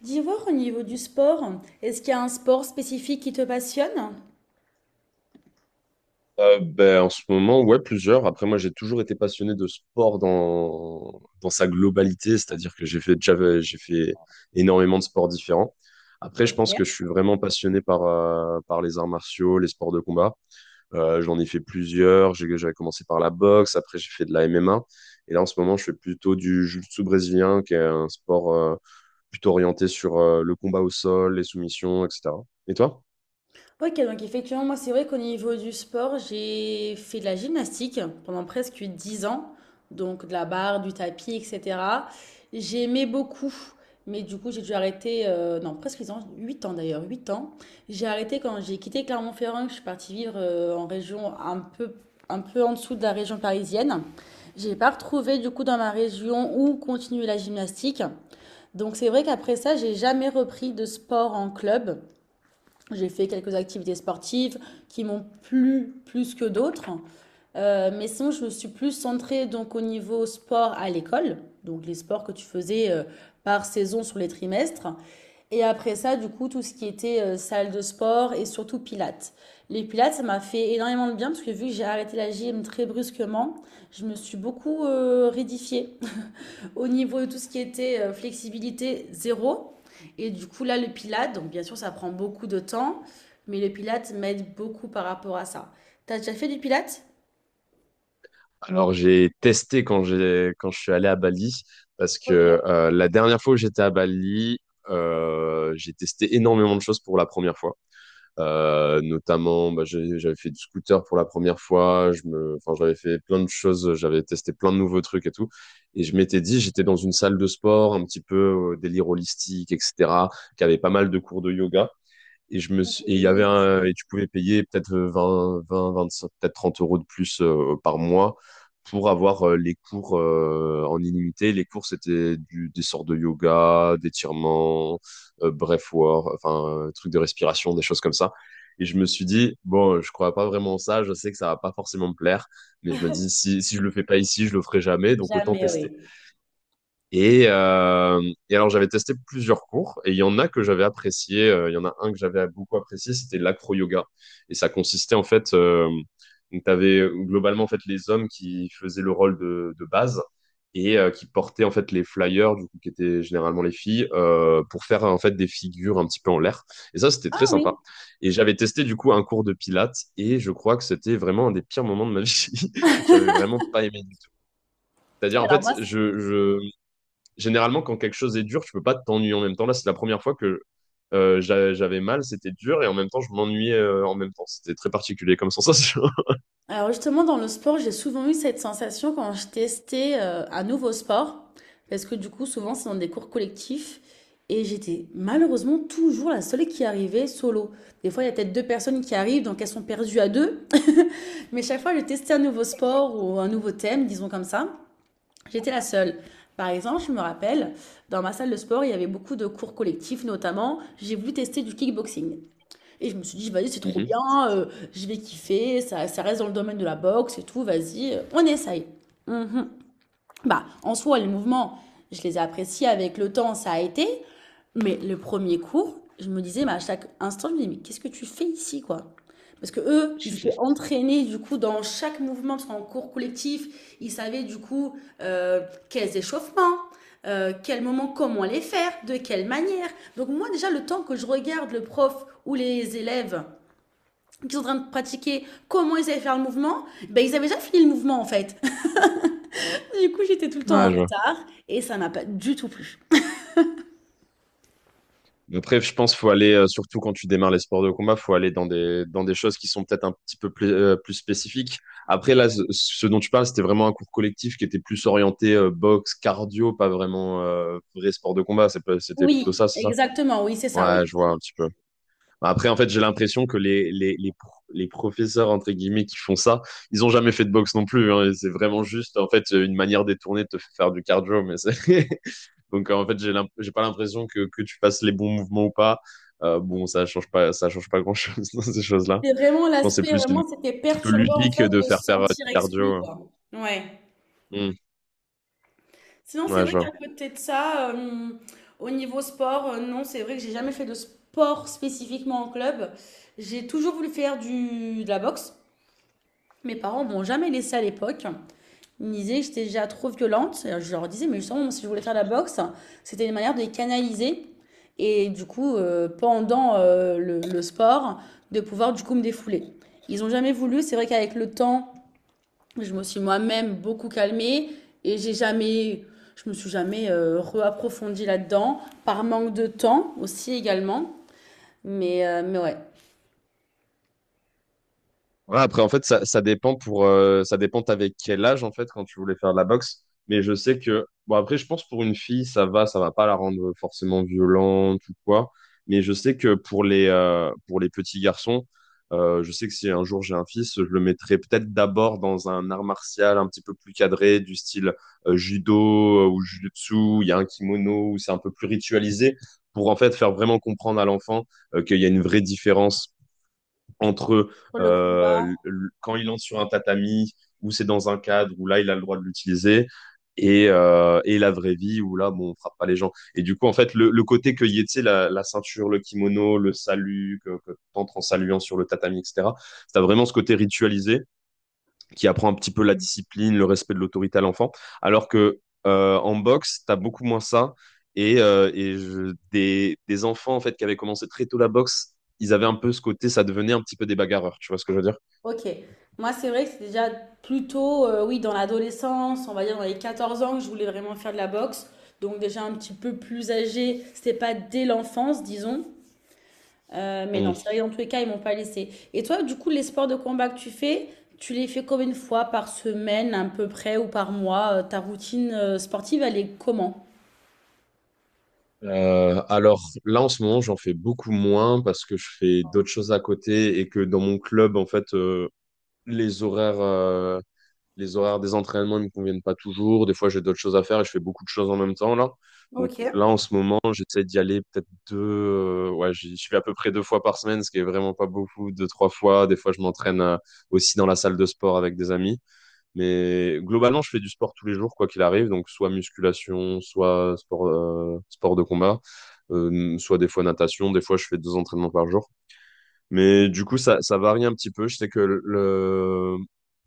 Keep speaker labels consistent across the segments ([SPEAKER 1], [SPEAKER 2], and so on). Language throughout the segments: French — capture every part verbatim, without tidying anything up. [SPEAKER 1] D'y voir au niveau du sport, est-ce qu'il y a un sport spécifique qui te passionne?
[SPEAKER 2] Euh, ben, en ce moment, ouais, plusieurs. Après, moi, j'ai toujours été passionné de sport dans, dans sa globalité, c'est-à-dire que j'ai fait, déjà- j'ai fait énormément de sports différents. Après, je pense que je
[SPEAKER 1] OK.
[SPEAKER 2] suis vraiment passionné par, euh, par les arts martiaux, les sports de combat. Euh, j'en ai fait plusieurs. J'ai- J'avais commencé par la boxe, après j'ai fait de la M M A. Et là, en ce moment, je fais plutôt du jiu-jitsu brésilien, qui est un sport euh, plutôt orienté sur euh, le combat au sol, les soumissions, et cetera. Et toi?
[SPEAKER 1] OK, donc effectivement, moi, c'est vrai qu'au niveau du sport, j'ai fait de la gymnastique pendant presque dix ans, donc de la barre, du tapis, et cetera. J'aimais beaucoup, mais du coup, j'ai dû arrêter, euh, non, presque dix ans, huit ans d'ailleurs, huit ans. J'ai arrêté quand j'ai quitté Clermont-Ferrand, que je suis partie vivre euh, en région un peu, un peu en dessous de la région parisienne. J'ai pas retrouvé du coup dans ma région où continuer la gymnastique. Donc c'est vrai qu'après ça, j'ai jamais repris de sport en club. J'ai fait quelques activités sportives qui m'ont plu plus que d'autres. Euh, mais sinon, je me suis plus centrée donc au niveau sport à l'école, donc les sports que tu faisais euh, par saison sur les trimestres. Et après ça, du coup, tout ce qui était euh, salle de sport et surtout pilates. Les pilates, ça m'a fait énormément de bien parce que vu que j'ai arrêté la gym très brusquement, je me suis beaucoup euh, rédifiée au niveau de tout ce qui était euh, flexibilité zéro. Et du coup, là, le Pilate, donc bien sûr, ça prend beaucoup de temps, mais le Pilate m'aide beaucoup par rapport à ça. T'as déjà fait du Pilate?
[SPEAKER 2] Alors, j'ai testé quand j'ai quand je suis allé à Bali parce que euh, la dernière fois où j'étais à Bali, euh, j'ai testé énormément de choses pour la première fois. Euh, notamment, bah, j'ai- j'avais fait du scooter pour la première fois. Je me, enfin, j'avais fait plein de choses. J'avais testé plein de nouveaux trucs et tout. Et je m'étais dit, j'étais dans une salle de sport, un petit peu euh, délire holistique, et cetera, qui avait pas mal de cours de yoga. Et je me suis, et il y avait
[SPEAKER 1] Oui.
[SPEAKER 2] un, Et tu pouvais payer peut-être euh, vingt vingt vingt-cinq, peut-être trente euros de plus euh, par mois pour avoir euh, les cours euh, en illimité. Les cours, c'était du, des sortes de yoga, d'étirements, euh, breathwork, enfin, euh, trucs de respiration, des choses comme ça. Et je me suis dit, bon, je crois pas vraiment en ça, je sais que ça va pas forcément me plaire, mais je me dis, si, si je le fais pas ici, je le ferai jamais, donc autant
[SPEAKER 1] Jamais,
[SPEAKER 2] tester.
[SPEAKER 1] oui.
[SPEAKER 2] Et, euh, et alors, j'avais testé plusieurs cours et il y en a que j'avais apprécié. euh, Il y en a un que j'avais beaucoup apprécié, c'était l'acro-yoga. Et ça consistait en fait, euh, donc tu avais globalement en fait les hommes qui faisaient le rôle de, de base et euh, qui portaient en fait les flyers, du coup, qui étaient généralement les filles, euh, pour faire en fait des figures un petit peu en l'air. Et ça, c'était très
[SPEAKER 1] Ah
[SPEAKER 2] sympa.
[SPEAKER 1] oui,
[SPEAKER 2] Et j'avais testé du coup un cours de pilates et je crois que c'était vraiment un des pires moments de ma vie. J'avais vraiment pas aimé du tout. C'est-à-dire, en
[SPEAKER 1] alors
[SPEAKER 2] fait,
[SPEAKER 1] moi, c-
[SPEAKER 2] je, je, généralement, quand quelque chose est dur, tu peux pas t'ennuyer en même temps. Là, c'est la première fois que euh, j'a- j'avais mal, c'était dur, et en même temps, je m'ennuyais euh, en même temps. C'était très particulier comme sensation.
[SPEAKER 1] Alors justement, dans le sport, j'ai souvent eu cette sensation quand je testais euh, un nouveau sport, parce que du coup, souvent, c'est dans des cours collectifs, et j'étais malheureusement toujours la seule qui arrivait solo. Des fois, il y a peut-être deux personnes qui arrivent, donc elles sont perdues à deux. Mais chaque fois, je testais un nouveau sport ou un nouveau thème, disons comme ça. J'étais la seule. Par exemple, je me rappelle, dans ma salle de sport, il y avait beaucoup de cours collectifs, notamment, j'ai voulu tester du kickboxing. Et je me suis dit, vas-y, c'est trop
[SPEAKER 2] Mhm.
[SPEAKER 1] bien, euh, je vais kiffer, ça, ça reste dans le domaine de la boxe et tout, vas-y, euh, on essaye. Mhm. Bah, en soi, les mouvements, je les ai appréciés avec le temps, ça a été. Mais le premier cours, je me disais, bah, à chaque instant, je me disais, mais qu'est-ce que tu fais ici, quoi? Parce que eux, ils étaient entraînés du coup dans chaque mouvement, parce qu'en cours collectif, ils savaient du coup euh, quels échauffements, euh, quel moment, comment les faire, de quelle manière. Donc moi déjà, le temps que je regarde le prof ou les élèves qui sont en train de pratiquer comment ils allaient faire le mouvement, ben, ils avaient déjà fini le mouvement en fait. Du coup, j'étais tout le temps en
[SPEAKER 2] Ouais, je vois.
[SPEAKER 1] retard et ça n'a pas du tout plu.
[SPEAKER 2] Après, je pense faut aller, euh, surtout quand tu démarres les sports de combat, faut aller dans des, dans des choses qui sont peut-être un petit peu plus, euh, plus spécifiques. Après, là, ce, ce dont tu parles, c'était vraiment un cours collectif qui était plus orienté euh, boxe, cardio, pas vraiment euh, vrai sport de combat. C'est pas- C'était plutôt
[SPEAKER 1] Oui,
[SPEAKER 2] ça, c'est ça?
[SPEAKER 1] exactement, oui, c'est ça, oui.
[SPEAKER 2] Ouais, je vois un petit peu. Après, en fait, j'ai l'impression que les, les, les, pro- les professeurs, entre guillemets, qui font ça, ils ont jamais fait de boxe non plus. hein. C'est vraiment juste, en fait, une manière détournée de te faire faire du cardio. Mais c'est- Donc, euh, en fait, j'ai l'imp- j'ai pas l'impression que, que tu fasses les bons mouvements ou pas. Euh, bon, ça change pas, ça change pas grand-chose dans ces choses-là.
[SPEAKER 1] C'est vraiment
[SPEAKER 2] Je pense que c'est
[SPEAKER 1] l'aspect,
[SPEAKER 2] plus une un
[SPEAKER 1] vraiment, c'était
[SPEAKER 2] petit peu
[SPEAKER 1] perturbant en
[SPEAKER 2] ludique
[SPEAKER 1] fait
[SPEAKER 2] de
[SPEAKER 1] de se
[SPEAKER 2] faire faire euh,
[SPEAKER 1] sentir
[SPEAKER 2] du
[SPEAKER 1] exclu,
[SPEAKER 2] cardio.
[SPEAKER 1] quoi. Ouais.
[SPEAKER 2] hein.
[SPEAKER 1] Sinon,
[SPEAKER 2] Hmm.
[SPEAKER 1] c'est
[SPEAKER 2] Ouais,
[SPEAKER 1] vrai
[SPEAKER 2] je
[SPEAKER 1] qu'à
[SPEAKER 2] vois.
[SPEAKER 1] côté de ça, euh, au niveau sport, euh, non, c'est vrai que j'ai jamais fait de sport spécifiquement en club. J'ai toujours voulu faire du, de la boxe. Mes parents m'ont jamais laissé à l'époque. Ils me disaient que j'étais déjà trop violente. Et je leur disais, mais justement, si je voulais faire de la boxe, c'était une manière de les canaliser. Et du coup, euh, pendant euh, le, le sport, de pouvoir du coup me défouler. Ils n'ont jamais voulu. C'est vrai qu'avec le temps, je me suis moi-même beaucoup calmée et j'ai jamais, je me suis jamais euh, reapprofondie là-dedans par manque de temps aussi également. Mais, euh, mais ouais.
[SPEAKER 2] Ouais, après, en fait, ça, ça dépend pour, euh, ça dépend t'avais quel âge, en fait, quand tu voulais faire de la boxe. Mais je sais que, bon, après, je pense pour une fille, ça va, ça va pas la rendre forcément violente ou quoi. Mais je sais que pour les, euh, pour les petits garçons, euh, je sais que si un jour j'ai un fils, je le mettrai peut-être d'abord dans un art martial un petit peu plus cadré, du style euh, judo euh, ou jujutsu, où il y a un kimono, où c'est un peu plus ritualisé, pour en fait faire vraiment comprendre à l'enfant euh, qu'il y a une vraie différence entre
[SPEAKER 1] Pour le combat,
[SPEAKER 2] euh, le- quand il entre sur un tatami, où c'est dans un cadre, où là, il a le droit de l'utiliser, et, euh, et la vraie vie, où là, bon, on frappe pas les gens. Et du coup, en fait, le, le côté que y ait, tu sais, la, la ceinture, le kimono, le salut, que, que t'entres en saluant sur le tatami, et cetera, t'as vraiment ce côté ritualisé qui apprend un petit peu la discipline, le respect de l'autorité à l'enfant. Alors que euh, en boxe, tu as beaucoup moins ça. Et, euh, et je- des, des enfants en fait qui avaient commencé très tôt la boxe, ils avaient un peu ce côté, ça devenait un petit peu des bagarreurs. Tu vois ce que je veux dire?
[SPEAKER 1] Ok. Moi, c'est vrai que c'est déjà plutôt, euh, oui, dans l'adolescence, on va dire dans les quatorze ans, que je voulais vraiment faire de la boxe. Donc déjà un petit peu plus âgé, c'était pas dès l'enfance, disons. Euh, mais
[SPEAKER 2] Hmm.
[SPEAKER 1] non, c'est vrai, que dans tous les cas, ils m'ont pas laissé. Et toi, du coup, les sports de combat que tu fais, tu les fais combien de fois par semaine, à peu près, ou par mois? Euh, Ta routine euh, sportive, elle est comment?
[SPEAKER 2] Euh, alors là en ce moment, j'en fais beaucoup moins parce que je fais d'autres choses à côté et que dans mon club en fait, euh, les horaires les horaires des entraînements ne me conviennent pas toujours. Des fois, j'ai d'autres choses à faire et je fais beaucoup de choses en même temps là. Donc
[SPEAKER 1] Ok.
[SPEAKER 2] là, en ce moment, j'essaie d'y aller peut-être deux. Euh, ouais, j'y j'y vais à peu près deux fois par semaine, ce qui est vraiment pas beaucoup, deux, trois fois. Des fois, je m'entraîne euh, aussi dans la salle de sport avec des amis. Mais globalement, je fais du sport tous les jours, quoi qu'il arrive. Donc soit musculation, soit sport, euh, sport de combat, euh, soit des fois natation. Des fois, je fais deux entraînements par jour. Mais du coup, ça, ça varie un petit peu. Je sais que le,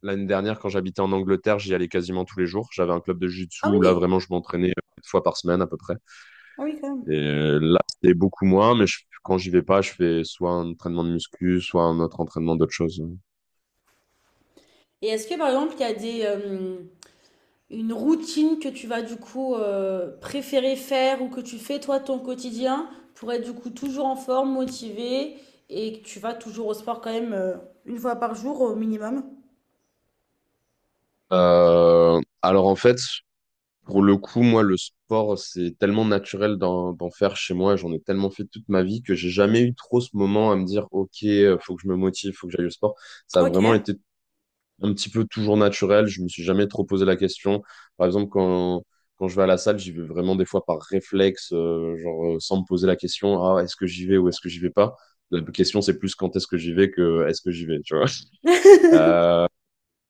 [SPEAKER 2] l'année dernière, quand j'habitais en Angleterre, j'y allais quasiment tous les jours. J'avais un club de jiu-jitsu
[SPEAKER 1] Ah
[SPEAKER 2] où là,
[SPEAKER 1] oui,
[SPEAKER 2] vraiment, je m'entraînais quatre fois par semaine à peu près.
[SPEAKER 1] ah oui, quand même.
[SPEAKER 2] Et euh, là, c'était beaucoup moins, mais je, quand j'y vais pas, je fais soit un entraînement de muscu, soit un autre entraînement d'autre chose.
[SPEAKER 1] Et est-ce que, par exemple, il y a des, euh, une routine que tu vas du coup euh, préférer faire ou que tu fais toi ton quotidien pour être du coup toujours en forme, motivée et que tu vas toujours au sport quand même euh, une fois par jour au minimum.
[SPEAKER 2] Euh, alors en fait, pour le coup, moi, le sport, c'est tellement naturel d'en d'en faire chez moi. J'en ai tellement fait toute ma vie que j'ai jamais eu trop ce moment à me dire, OK, euh, faut que je me motive, faut que j'aille au sport. Ça a vraiment
[SPEAKER 1] Ok.
[SPEAKER 2] été un petit peu toujours naturel. Je me suis jamais trop posé la question. Par exemple, quand, quand je vais à la salle, j'y vais vraiment des fois par réflexe, euh, genre euh, sans me poser la question, ah, est-ce que j'y vais ou est-ce que j'y vais pas? La question, c'est plus quand est-ce que j'y vais que est-ce que j'y vais, tu vois. Euh,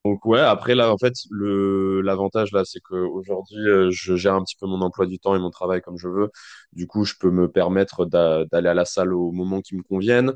[SPEAKER 2] donc ouais, après là en fait le l'avantage là c'est que aujourd'hui euh, je gère un petit peu mon emploi du temps et mon travail comme je veux. Du coup, je peux me permettre d'a- d'aller à la salle au moment qui me convienne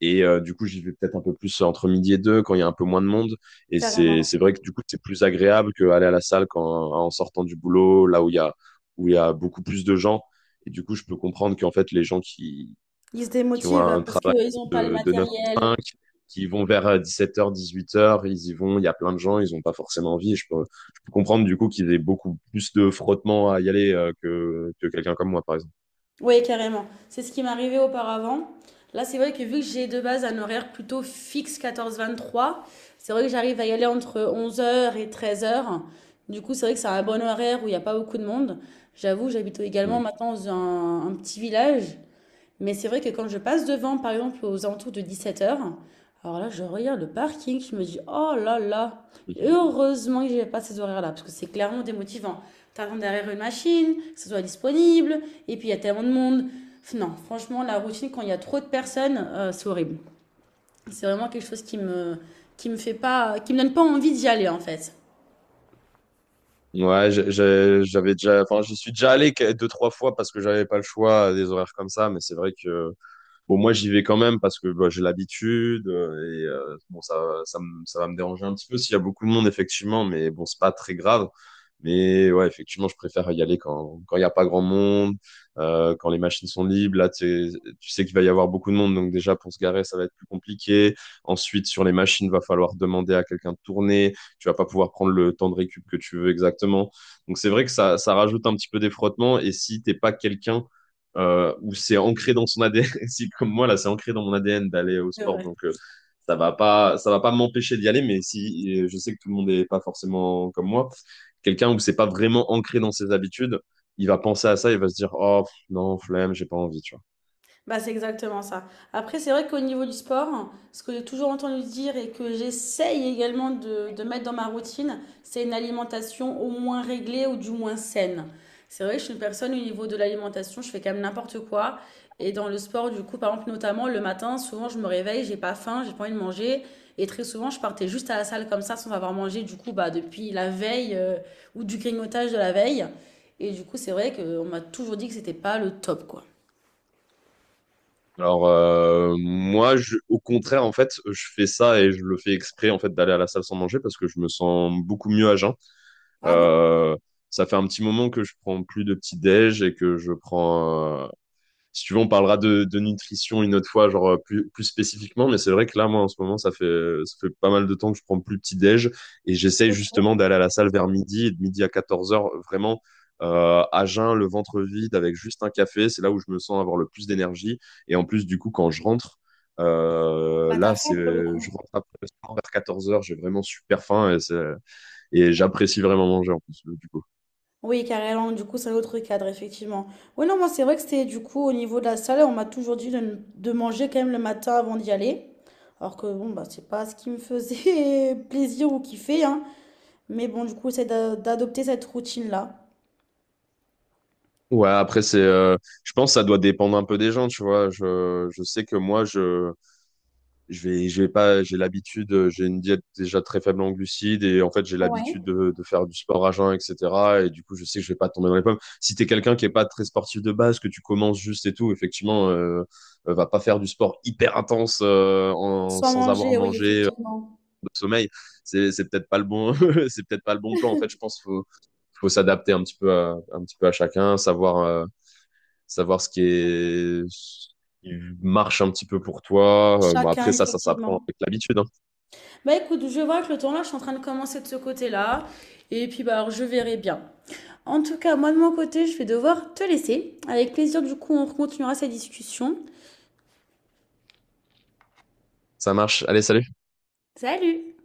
[SPEAKER 2] et euh, du coup, j'y vais peut-être un peu plus entre midi et deux quand il y a un peu moins de monde et c'est
[SPEAKER 1] Carrément.
[SPEAKER 2] c'est vrai que du coup, c'est plus agréable qu'aller à la salle quand en sortant du boulot là où il y a où il y a beaucoup plus de gens et du coup, je peux comprendre qu'en fait les gens qui
[SPEAKER 1] Ils se
[SPEAKER 2] qui ont
[SPEAKER 1] démotivent
[SPEAKER 2] un
[SPEAKER 1] parce
[SPEAKER 2] travail
[SPEAKER 1] qu'ils n'ont pas le
[SPEAKER 2] de, de neuf à
[SPEAKER 1] matériel.
[SPEAKER 2] cinq, qui vont vers dix-sept heures dix-huit heures, ils y vont, il y a plein de gens, ils n'ont pas forcément envie. Je peux, je peux comprendre du coup qu'il y ait beaucoup plus de frottement à y aller euh, que, que quelqu'un comme moi, par exemple.
[SPEAKER 1] Oui, carrément. C'est ce qui m'arrivait auparavant. Là, c'est vrai que vu que j'ai de base un horaire plutôt fixe quatorze vingt-trois, c'est vrai que j'arrive à y aller entre onze heures et treize heures. Du coup, c'est vrai que c'est un bon horaire où il n'y a pas beaucoup de monde. J'avoue, j'habite
[SPEAKER 2] Mm.
[SPEAKER 1] également maintenant dans un, un petit village. Mais c'est vrai que quand je passe devant, par exemple, aux alentours de dix-sept heures, alors là, je regarde le parking, je me dis, oh là là, heureusement que j'ai pas ces horaires-là, parce que c'est clairement démotivant. T'attends derrière une machine, que ce soit disponible, et puis il y a tellement de monde. Non, franchement, la routine, quand il y a trop de personnes, euh, c'est horrible. C'est vraiment quelque chose qui me, qui me fait pas, qui me donne pas envie d'y aller, en fait.
[SPEAKER 2] Ouais, j'ai- j'ai- j'avais déjà, enfin, j'y suis déjà allé que- deux, trois fois parce que j'avais pas le choix à des horaires comme ça, mais c'est vrai que Bon, moi, j'y vais quand même parce que bah, j'ai l'habitude euh, et euh, bon, ça, ça, me- ça va me déranger un petit peu s'il y a beaucoup de monde, effectivement, mais bon, c'est pas très grave. Mais ouais, effectivement, je préfère y aller quand quand il n'y a pas grand monde, euh, quand les machines sont libres. Là, tu sais tu sais qu'il va y avoir beaucoup de monde, donc déjà pour se garer, ça va être plus compliqué. Ensuite, sur les machines, va falloir demander à quelqu'un de tourner. Tu vas pas pouvoir prendre le temps de récup que tu veux exactement. Donc c'est vrai que ça, ça rajoute un petit peu des frottements. Et si t'es pas quelqu'un euh, où c'est ancré dans son A D N. Si comme moi là, c'est ancré dans mon A D N d'aller au
[SPEAKER 1] C'est
[SPEAKER 2] sport,
[SPEAKER 1] vrai.
[SPEAKER 2] donc euh, ça va pas, ça va pas m'empêcher d'y aller. Mais si euh, je sais que tout le monde n'est pas forcément comme moi, quelqu'un où c'est pas vraiment ancré dans ses habitudes, il va penser à ça, il va se dire oh pff, non flemme, j'ai pas envie, tu vois.
[SPEAKER 1] Bah, c'est exactement ça. Après, c'est vrai qu'au niveau du sport, ce que j'ai toujours entendu dire et que j'essaye également de, de mettre dans ma routine, c'est une alimentation au moins réglée ou du moins saine. C'est vrai que je suis une personne au niveau de l'alimentation, je fais quand même n'importe quoi. Et dans le sport, du coup, par exemple, notamment le matin, souvent je me réveille, j'ai pas faim, j'ai pas envie de manger. Et très souvent, je partais juste à la salle comme ça sans avoir mangé, du coup, bah, depuis la veille euh, ou du grignotage de la veille. Et du coup, c'est vrai qu'on m'a toujours dit que c'était pas le top, quoi.
[SPEAKER 2] Alors euh, moi, je, au contraire, en fait, je fais ça et je le fais exprès en fait d'aller à la salle sans manger parce que je me sens beaucoup mieux à jeun.
[SPEAKER 1] Ah bon?
[SPEAKER 2] Euh, Ça fait un petit moment que je prends plus de petit déj et que je prends euh, si tu veux, on parlera de, de nutrition une autre fois, genre euh, plus, plus spécifiquement. Mais c'est vrai que là, moi, en ce moment, ça fait, ça fait pas mal de temps que je prends plus petit déj et j'essaye justement d'aller à la salle vers midi et de midi à 14 heures, vraiment euh, à jeun, le ventre vide, avec juste un café. C'est là où je me sens avoir le plus d'énergie. Et en plus, du coup, quand je rentre, euh, là, c'est, je rentre après le sport vers 14 heures, j'ai vraiment super faim et, c'est- et j'apprécie vraiment manger en plus. Du coup.
[SPEAKER 1] Oui, carrément, du coup, c'est un autre cadre, effectivement. Oui, non, moi, c'est vrai que c'était du coup au niveau de la salle, on m'a toujours dit de, n- de manger quand même le matin avant d'y aller. Alors que bon, bah, c'est pas ce qui me faisait plaisir ou kiffer, hein. Mais bon, du coup, c'est d'a- d'adopter cette routine-là.
[SPEAKER 2] Ouais, après c'est, euh, je pense que ça doit dépendre un peu des gens, tu vois. Je, je sais que moi je, je vais, je vais pas, j'ai l'habitude, euh, j'ai une diète déjà très faible en glucides et en fait j'ai
[SPEAKER 1] Ouais.
[SPEAKER 2] l'habitude de, de faire du sport à jeun, et cetera. Et du coup je sais que je vais pas tomber dans les pommes. Si t'es quelqu'un qui est pas très sportif de base, que tu commences juste et tout, effectivement, euh, euh, va pas faire du sport hyper intense euh, en,
[SPEAKER 1] Soit
[SPEAKER 2] sans avoir
[SPEAKER 1] manger, oui,
[SPEAKER 2] mangé euh,
[SPEAKER 1] effectivement.
[SPEAKER 2] de sommeil. C'est, c'est peut-être pas le bon, c'est peut-être pas le bon plan. En fait, je pense qu'il faut, faut s'adapter un petit peu à, un petit peu à chacun, savoir. euh, savoir ce qui est ce qui marche un petit peu pour toi. Euh, bon, après
[SPEAKER 1] Chacun,
[SPEAKER 2] ça, ça s'apprend
[SPEAKER 1] effectivement.
[SPEAKER 2] avec l'habitude, hein.
[SPEAKER 1] Bah écoute, je vois que le temps là, je suis en train de commencer de ce côté-là. Et puis, bah, alors, je verrai bien. En tout cas, moi de mon côté, je vais devoir te laisser. Avec plaisir, du coup, on continuera cette discussion.
[SPEAKER 2] Ça marche. Allez, salut.
[SPEAKER 1] Salut!